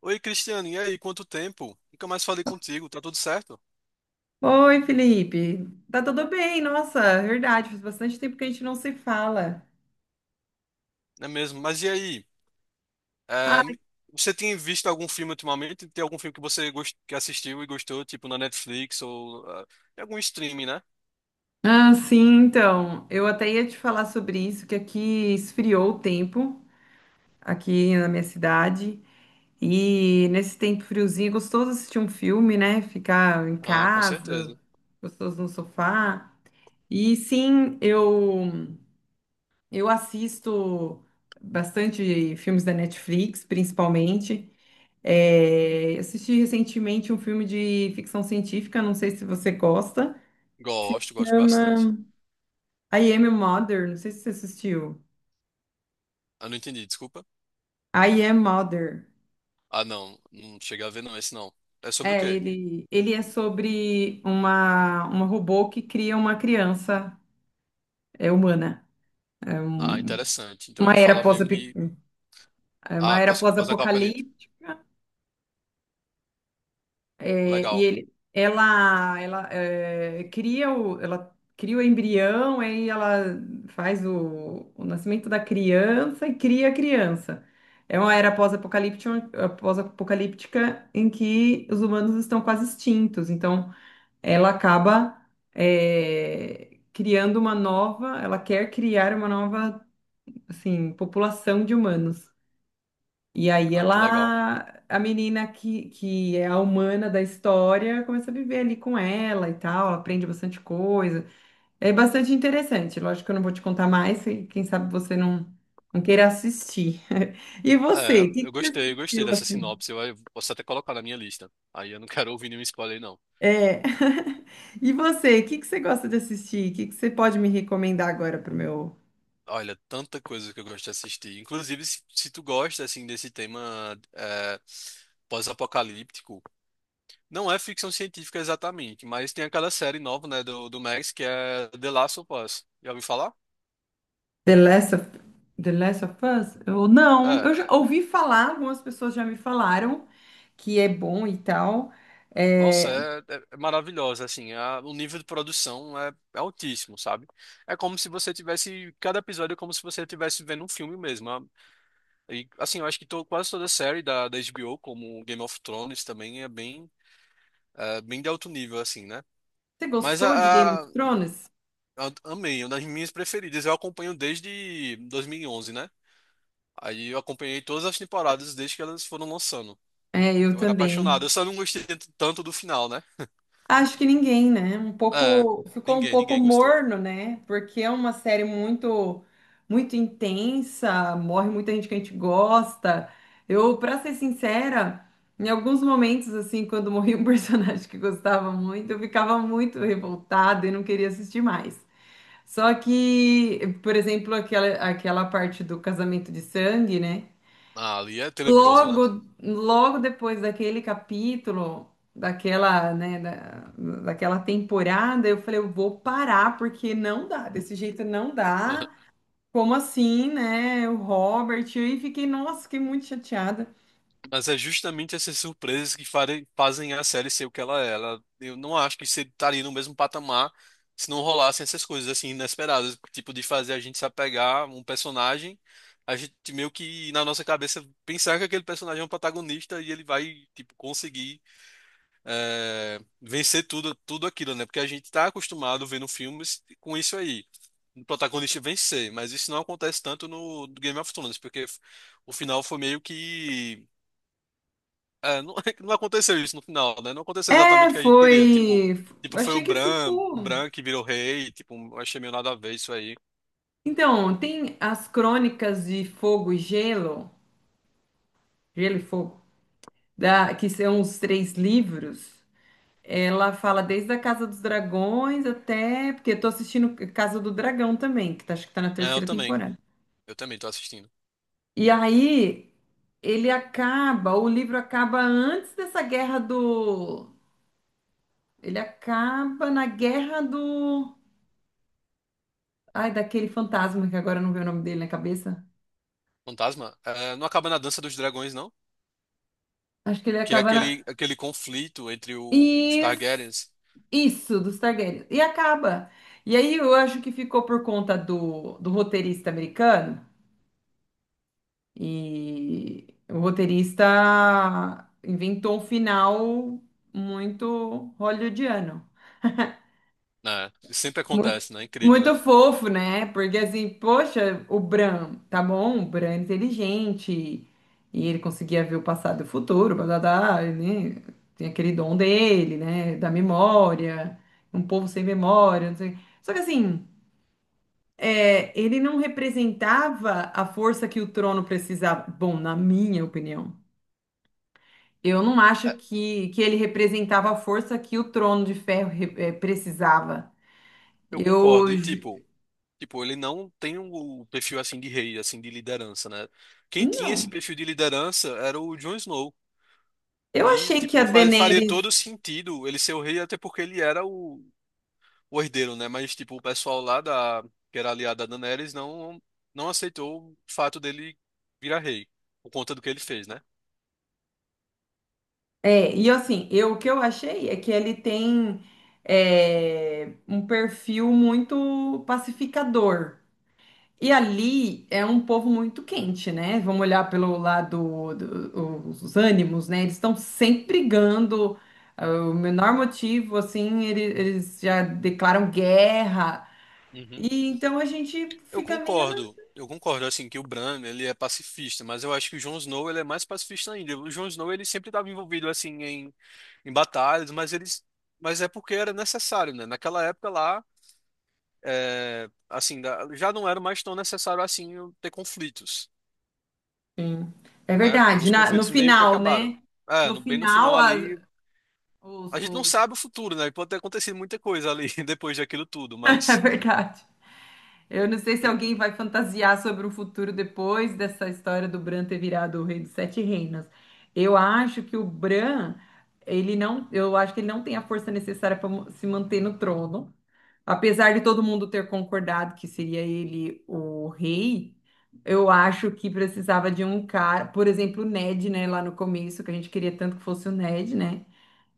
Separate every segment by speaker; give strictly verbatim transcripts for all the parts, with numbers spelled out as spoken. Speaker 1: Oi, Cristiano, e aí? Quanto tempo? Nunca mais falei contigo, tá tudo certo?
Speaker 2: Oi, Felipe. Tá tudo bem? Nossa, verdade, faz bastante tempo que a gente não se fala.
Speaker 1: Não é mesmo? Mas e aí?
Speaker 2: Ah,
Speaker 1: É, me- Você tem visto algum filme ultimamente? Tem algum filme que você gost... que assistiu e gostou, tipo na Netflix ou ah, em algum streaming, né?
Speaker 2: ah, sim, então. Eu até ia te falar sobre isso, que aqui esfriou o tempo, aqui na minha cidade. E nesse tempo friozinho, é gostoso assistir um filme, né? Ficar em
Speaker 1: Ah, com
Speaker 2: casa,
Speaker 1: certeza.
Speaker 2: gostoso no sofá. E sim, eu, eu assisto bastante filmes da Netflix, principalmente. É, assisti recentemente um filme de ficção científica, não sei se você gosta. Se
Speaker 1: Gosto, gosto bastante.
Speaker 2: chama I Am a Mother, não sei se você assistiu.
Speaker 1: Ah, não entendi, desculpa.
Speaker 2: I Am Mother.
Speaker 1: Ah, não, não cheguei a ver não, esse não. É sobre o
Speaker 2: É,
Speaker 1: quê?
Speaker 2: ele, ele é sobre uma, uma robô que cria uma criança é, humana. É
Speaker 1: Ah,
Speaker 2: um-
Speaker 1: interessante. Então
Speaker 2: uma
Speaker 1: ele
Speaker 2: era
Speaker 1: fala
Speaker 2: pós,
Speaker 1: meio que.
Speaker 2: uma
Speaker 1: Ah,
Speaker 2: era
Speaker 1: pós- pós-apocalipse.
Speaker 2: pós-apocalíptica. É, e
Speaker 1: Legal.
Speaker 2: ele, ela, ela é, cria o, ela cria o embrião, aí ela faz o, o nascimento da criança e cria a criança. É uma era pós-apocalíptica, pós-apocalíptica em que os humanos estão quase extintos. Então, ela acaba é, criando uma nova, ela quer criar uma nova, assim, população de humanos. E aí
Speaker 1: Ah, que legal.
Speaker 2: ela, a menina que, que é a humana da história, começa a viver ali com ela e tal, ela aprende bastante coisa. É bastante interessante. Lógico que eu não vou te contar mais, e quem sabe você não, não queira assistir. E
Speaker 1: É,
Speaker 2: você, o que,
Speaker 1: eu
Speaker 2: que você
Speaker 1: gostei, eu gostei
Speaker 2: assistiu
Speaker 1: dessa
Speaker 2: assim?
Speaker 1: sinopse. Eu eu posso até colocar na minha lista. Aí eu não quero ouvir nenhum spoiler, não.
Speaker 2: É. E você, o que, que você gosta de assistir? O que, que você pode me recomendar agora para o meu
Speaker 1: Olha, tanta coisa que eu gosto de assistir. Inclusive, se, se tu gosta, assim, desse tema é, pós-apocalíptico, não é ficção científica exatamente, mas tem aquela série nova, né, do, do Max, que é The Last of Us. Já ouviu falar?
Speaker 2: The Last of, The Last of Us? Eu, não,
Speaker 1: É.
Speaker 2: eu já ouvi falar, algumas pessoas já me falaram que é bom e tal.
Speaker 1: Nossa,
Speaker 2: É,
Speaker 1: é, é- é maravilhosa, assim. A- o nível de produção é, é altíssimo, sabe? É como se você tivesse... Cada episódio é como se você estivesse vendo um filme mesmo. E, assim, eu acho que to- quase toda série da, da HBO, como Game of Thrones, também é bem, é, bem de alto nível, assim, né?
Speaker 2: você
Speaker 1: Mas
Speaker 2: gostou de Game
Speaker 1: a,
Speaker 2: of
Speaker 1: a,
Speaker 2: Thrones?
Speaker 1: a- amei, uma das minhas preferidas. Eu acompanho desde dois mil e onze, né? Aí eu acompanhei todas as temporadas desde que elas foram lançando.
Speaker 2: É, eu
Speaker 1: Eu era
Speaker 2: também.
Speaker 1: apaixonado. Eu só não gostei t- tanto do final, né?
Speaker 2: Acho que ninguém, né? Um
Speaker 1: É,
Speaker 2: pouco, ficou um
Speaker 1: ninguém,
Speaker 2: pouco
Speaker 1: ninguém gostou.
Speaker 2: morno, né? Porque é uma série muito, muito intensa, morre muita gente que a gente gosta. Eu, pra ser sincera, em alguns momentos, assim, quando morria um personagem que gostava muito, eu ficava muito revoltada e não queria assistir mais. Só que, por exemplo, aquela, aquela parte do casamento de sangue, né?
Speaker 1: Ah, ali é tenebroso, né?
Speaker 2: Logo, logo depois daquele capítulo, daquela, né, da, daquela temporada, eu falei, eu vou parar porque não dá, desse jeito não dá. Como assim, né? O Robert, e fiquei, nossa, fiquei muito chateada.
Speaker 1: Mas é justamente essas surpresas que fare- fazem a série ser o que ela é. Ela, eu não acho que você estaria no mesmo patamar se não rolassem essas coisas assim inesperadas, tipo de fazer a gente se apegar a um personagem, a gente meio que na nossa cabeça pensar que aquele personagem é um protagonista e ele vai tipo conseguir eh, vencer tudo, tudo aquilo, né? Porque a gente está acostumado vendo filmes com isso aí. O protagonista vencer, mas isso não acontece tanto no Game of Thrones, porque o final foi meio que é, não, não aconteceu isso no final, né? Não aconteceu exatamente
Speaker 2: É,
Speaker 1: o que a gente queria. Tipo,
Speaker 2: foi.
Speaker 1: tipo foi o
Speaker 2: Achei que
Speaker 1: Bran, o
Speaker 2: ficou.
Speaker 1: Bran que virou rei. Tipo, eu achei meio nada a ver isso aí.
Speaker 2: Então, tem as crônicas de Fogo e Gelo, Gelo e Fogo, da, que são os três livros. Ela fala desde a Casa dos Dragões até. Porque eu tô assistindo Casa do Dragão também, que tá, acho que tá na
Speaker 1: É, eu
Speaker 2: terceira
Speaker 1: também.
Speaker 2: temporada.
Speaker 1: Eu também tô assistindo.
Speaker 2: E aí, ele acaba, o livro acaba antes dessa guerra do. Ele acaba na guerra do. Ai, daquele fantasma que agora não vê o nome dele na cabeça.
Speaker 1: Fantasma, é, não acaba na Dança dos Dragões, não?
Speaker 2: Acho que ele
Speaker 1: Que é
Speaker 2: acaba na.
Speaker 1: aquele, aquele conflito entre o- os
Speaker 2: Isso,
Speaker 1: Targaryens,
Speaker 2: isso, dos Targaryen. E acaba. E aí eu acho que ficou por conta do, do roteirista americano. E o roteirista inventou um final muito hollywoodiano.
Speaker 1: né? Sempre
Speaker 2: Muito,
Speaker 1: acontece, né? Incrível, né?
Speaker 2: muito fofo, né? Porque assim, poxa, o Bran, tá bom, o Bran é inteligente e ele conseguia ver o passado e o futuro, blá, blá, blá, né? Tem aquele dom dele, né? Da memória, um povo sem memória, não sei. Só que assim, é, ele não representava a força que o trono precisava. Bom, na minha opinião. Eu não acho
Speaker 1: É,
Speaker 2: que, que ele representava a força que o Trono de Ferro re- eh, precisava.
Speaker 1: eu concordo.
Speaker 2: Eu
Speaker 1: E
Speaker 2: ju-
Speaker 1: tipo, tipo, ele não tem um, o perfil assim de rei, assim, de liderança, né? Quem tinha
Speaker 2: não.
Speaker 1: esse perfil de liderança era o Jon Snow.
Speaker 2: Eu
Speaker 1: E,
Speaker 2: achei que a
Speaker 1: tipo, faz- faria
Speaker 2: Daenerys
Speaker 1: todo sentido ele ser o rei, até porque ele era o, o herdeiro, né? Mas, tipo, o pessoal lá da, que era aliado a Daenerys não, não aceitou o fato dele virar rei, por conta do que ele fez, né?
Speaker 2: é, e assim, eu o que eu achei é que ele tem é, um perfil muito pacificador. E ali é um povo muito quente, né? Vamos olhar pelo lado dos os ânimos, né? Eles estão sempre brigando. ah, O menor motivo, assim, ele- eles já declaram guerra.
Speaker 1: Uhum.
Speaker 2: E então a gente
Speaker 1: Eu
Speaker 2: fica meio
Speaker 1: concordo, eu concordo, assim, que o Bran, ele é pacifista, mas eu acho que o Jon Snow, ele é mais pacifista ainda. O Jon Snow, ele sempre estava envolvido, assim, em, em batalhas, mas eles, mas é porque era necessário, né? Naquela época lá, é, assim, da- já não era mais tão necessário, assim, ter conflitos.
Speaker 2: assim. É
Speaker 1: Né?
Speaker 2: verdade,
Speaker 1: Meus
Speaker 2: na- no
Speaker 1: conflitos meio que
Speaker 2: final,
Speaker 1: acabaram.
Speaker 2: né?
Speaker 1: É,
Speaker 2: No
Speaker 1: no- bem no final
Speaker 2: final, as-
Speaker 1: ali,
Speaker 2: os,
Speaker 1: a gente não
Speaker 2: os-
Speaker 1: sabe o futuro, né? Pode ter acontecido muita coisa ali depois daquilo tudo,
Speaker 2: é
Speaker 1: mas,
Speaker 2: verdade. Eu não sei se
Speaker 1: mas-
Speaker 2: alguém vai fantasiar sobre o futuro depois dessa história do Bran ter virado o rei dos sete reinos. Eu acho que o Bran, ele não, eu acho que ele não tem a força necessária para se manter no trono. Apesar de todo mundo ter concordado que seria ele o rei, eu acho que precisava de um cara, por exemplo, o Ned, né, lá no começo, que a gente queria tanto que fosse o Ned, né?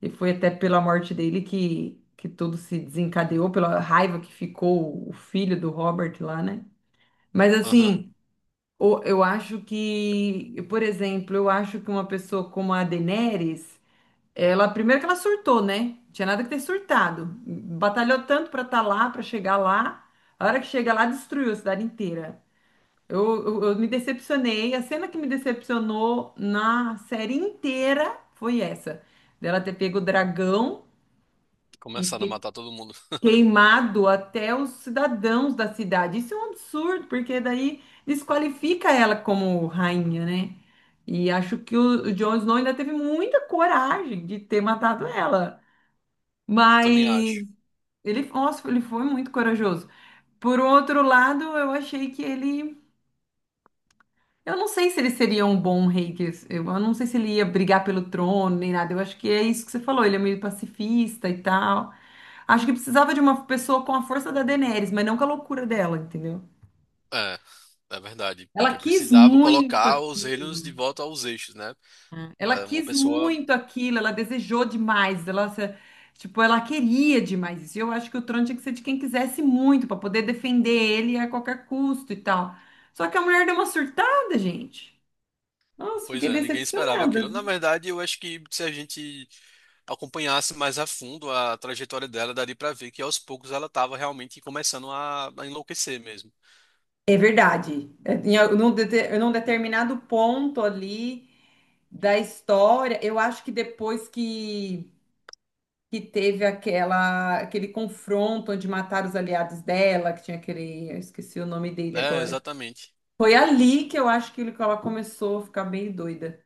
Speaker 2: E foi até pela morte dele que, que tudo se desencadeou, pela raiva que ficou o filho do Robert lá, né? Mas
Speaker 1: aham,
Speaker 2: assim, o- eu acho que, por exemplo, eu acho que uma pessoa como a Daenerys ela, primeiro que ela surtou, né? Tinha nada que ter surtado. Batalhou tanto pra estar lá, pra chegar lá. A hora que chega lá, destruiu a cidade inteira. Eu, eu, eu me decepcionei. A cena que me decepcionou na série inteira foi essa. Dela ter pego o dragão e
Speaker 1: começaram a
Speaker 2: ter
Speaker 1: matar todo mundo.
Speaker 2: queimado até os cidadãos da cidade. Isso é um absurdo, porque daí desqualifica ela como rainha, né? E acho que o, o Jon Snow ainda teve muita coragem de ter matado ela.
Speaker 1: Eu
Speaker 2: Mas
Speaker 1: também acho.
Speaker 2: ele, nossa, ele foi muito corajoso. Por outro lado, eu achei que ele. Eu não sei se ele seria um bom rei. Que Eu eu não sei se ele ia brigar pelo trono nem nada. Eu acho que é isso que você falou. Ele é meio pacifista e tal. Acho que precisava de uma pessoa com a força da Daenerys, mas não com a loucura dela, entendeu?
Speaker 1: É, é verdade,
Speaker 2: Ela
Speaker 1: porque
Speaker 2: quis
Speaker 1: precisava
Speaker 2: muito
Speaker 1: colocar os relhos de
Speaker 2: aquilo.
Speaker 1: volta aos eixos, né?
Speaker 2: Ela
Speaker 1: É, uma
Speaker 2: quis
Speaker 1: pessoa,
Speaker 2: muito aquilo, ela desejou demais, ela, se- tipo, ela queria demais isso. E eu acho que o trono tinha que ser de quem quisesse muito, para poder defender ele a qualquer custo e tal. Só que a mulher deu uma surtada, gente. Nossa,
Speaker 1: pois
Speaker 2: fiquei
Speaker 1: é, ninguém esperava aquilo.
Speaker 2: decepcionada.
Speaker 1: Na verdade, eu acho que se a gente acompanhasse mais a fundo a trajetória dela, daria pra ver que aos poucos ela tava realmente começando a, a enlouquecer mesmo.
Speaker 2: É verdade. É, Em al- num, dete- num determinado ponto ali da história, eu acho que depois que, que teve aquela, aquele confronto onde mataram os aliados dela, que tinha aquele, eu esqueci o nome dele
Speaker 1: É,
Speaker 2: agora.
Speaker 1: exatamente.
Speaker 2: Foi ali que eu acho que ela começou a ficar bem doida.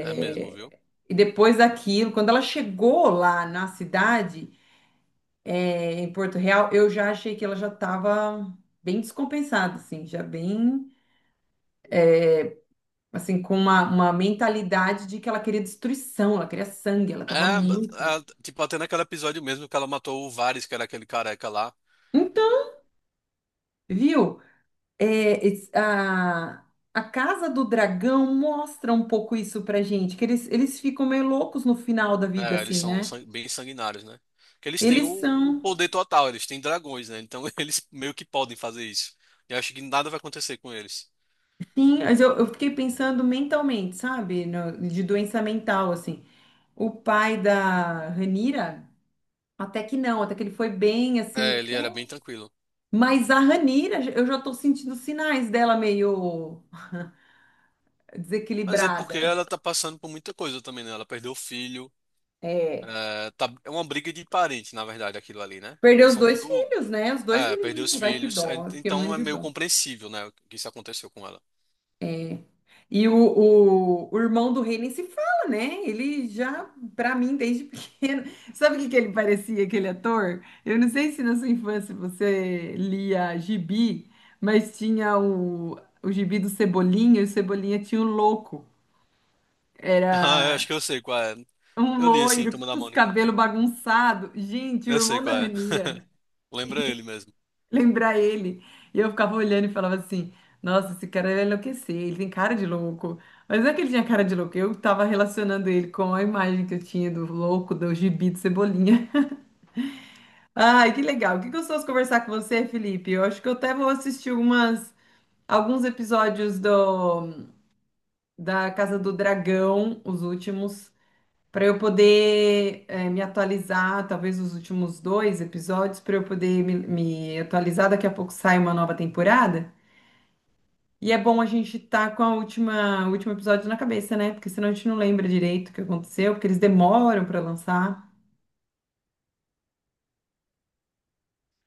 Speaker 1: É mesmo, viu?
Speaker 2: e depois daquilo, quando ela chegou lá na cidade, é, em Porto Real, eu já achei que ela já estava bem descompensada, assim, já bem, assim, com uma, uma mentalidade de que ela queria destruição, ela queria sangue, ela
Speaker 1: É,
Speaker 2: estava muito.
Speaker 1: a- tipo, até naquele episódio mesmo que ela matou o Varys, que era aquele careca lá,
Speaker 2: Então, viu? É, es- a, a Casa do Dragão mostra um pouco isso pra gente, que eles, eles ficam meio loucos no final da vida,
Speaker 1: né? Eles
Speaker 2: assim, né?
Speaker 1: são sang- bem sanguinários, né? Porque eles têm o,
Speaker 2: Eles
Speaker 1: o
Speaker 2: são.
Speaker 1: poder total, eles têm dragões, né? Então eles meio que podem fazer isso. Eu acho que nada vai acontecer com eles.
Speaker 2: Sim, mas eu, eu fiquei pensando mentalmente, sabe? No- de doença mental, assim. O pai da Ranira, até que não, até que ele foi bem, assim,
Speaker 1: É, ele
Speaker 2: até...
Speaker 1: era bem tranquilo.
Speaker 2: Mas a Ranira, eu já tô sentindo sinais dela meio
Speaker 1: Mas é porque
Speaker 2: desequilibrada.
Speaker 1: ela tá passando por muita coisa também, né? Ela perdeu o filho.
Speaker 2: É,
Speaker 1: É, tá, é uma briga de parente, na verdade, aquilo ali, né?
Speaker 2: perdeu
Speaker 1: Eles
Speaker 2: os
Speaker 1: são
Speaker 2: dois
Speaker 1: tudo.
Speaker 2: filhos, né? Os dois
Speaker 1: É, perdeu os
Speaker 2: menininhos, ai que
Speaker 1: filhos, é,
Speaker 2: dó, eu fiquei
Speaker 1: então
Speaker 2: morrendo
Speaker 1: é
Speaker 2: de
Speaker 1: meio
Speaker 2: dó.
Speaker 1: compreensível, né, o que isso aconteceu com ela.
Speaker 2: É, e o, o, o irmão do rei nem se fala, né? Ele já, pra mim, desde pequeno. Sabe o que que ele parecia, aquele ator? Eu não sei se na sua infância você lia gibi, mas tinha o, o gibi do Cebolinha, e o Cebolinha tinha o louco. Era
Speaker 1: Ah, eu acho que eu sei qual é.
Speaker 2: um
Speaker 1: Eu li assim,
Speaker 2: loiro
Speaker 1: Turma da
Speaker 2: com os
Speaker 1: Mônica.
Speaker 2: cabelos bagunçados. Gente, o
Speaker 1: Eu sei
Speaker 2: irmão da
Speaker 1: qual é.
Speaker 2: Ranira.
Speaker 1: Lembra ele mesmo.
Speaker 2: Lembrar ele. E eu ficava olhando e falava assim: Nossa, esse cara vai enlouquecer, ele tem cara de louco. Mas não é que ele tinha cara de louco, eu tava relacionando ele com a imagem que eu tinha do louco, do gibi de Cebolinha. Ai, que legal, que gostoso conversar com você, Felipe. Eu acho que eu até vou assistir umas, alguns episódios do, da Casa do Dragão, os últimos. Para eu poder eh, me atualizar, talvez os últimos dois episódios, para eu poder me me atualizar. Daqui a pouco sai uma nova temporada. E é bom a gente estar com a última, o último episódio na cabeça, né? Porque senão a gente não lembra direito o que aconteceu, porque eles demoram para lançar.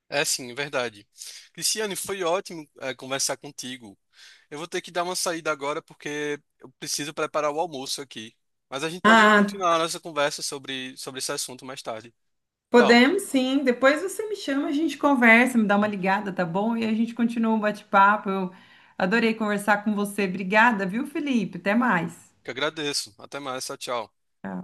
Speaker 1: É sim, é verdade. Cristiane, foi ótimo, eh, conversar contigo. Eu vou ter que dar uma saída agora porque eu preciso preparar o almoço aqui. Mas a gente pode
Speaker 2: Ah,
Speaker 1: continuar a nossa conversa sobre, sobre esse assunto mais tarde. Tal,
Speaker 2: podemos sim. Depois você me chama, a gente conversa, me dá uma ligada, tá bom? E a gente continua o bate-papo. Eu adorei conversar com você. Obrigada, viu, Felipe? Até mais.
Speaker 1: que agradeço. Até mais, tchau, tchau.
Speaker 2: Tchau.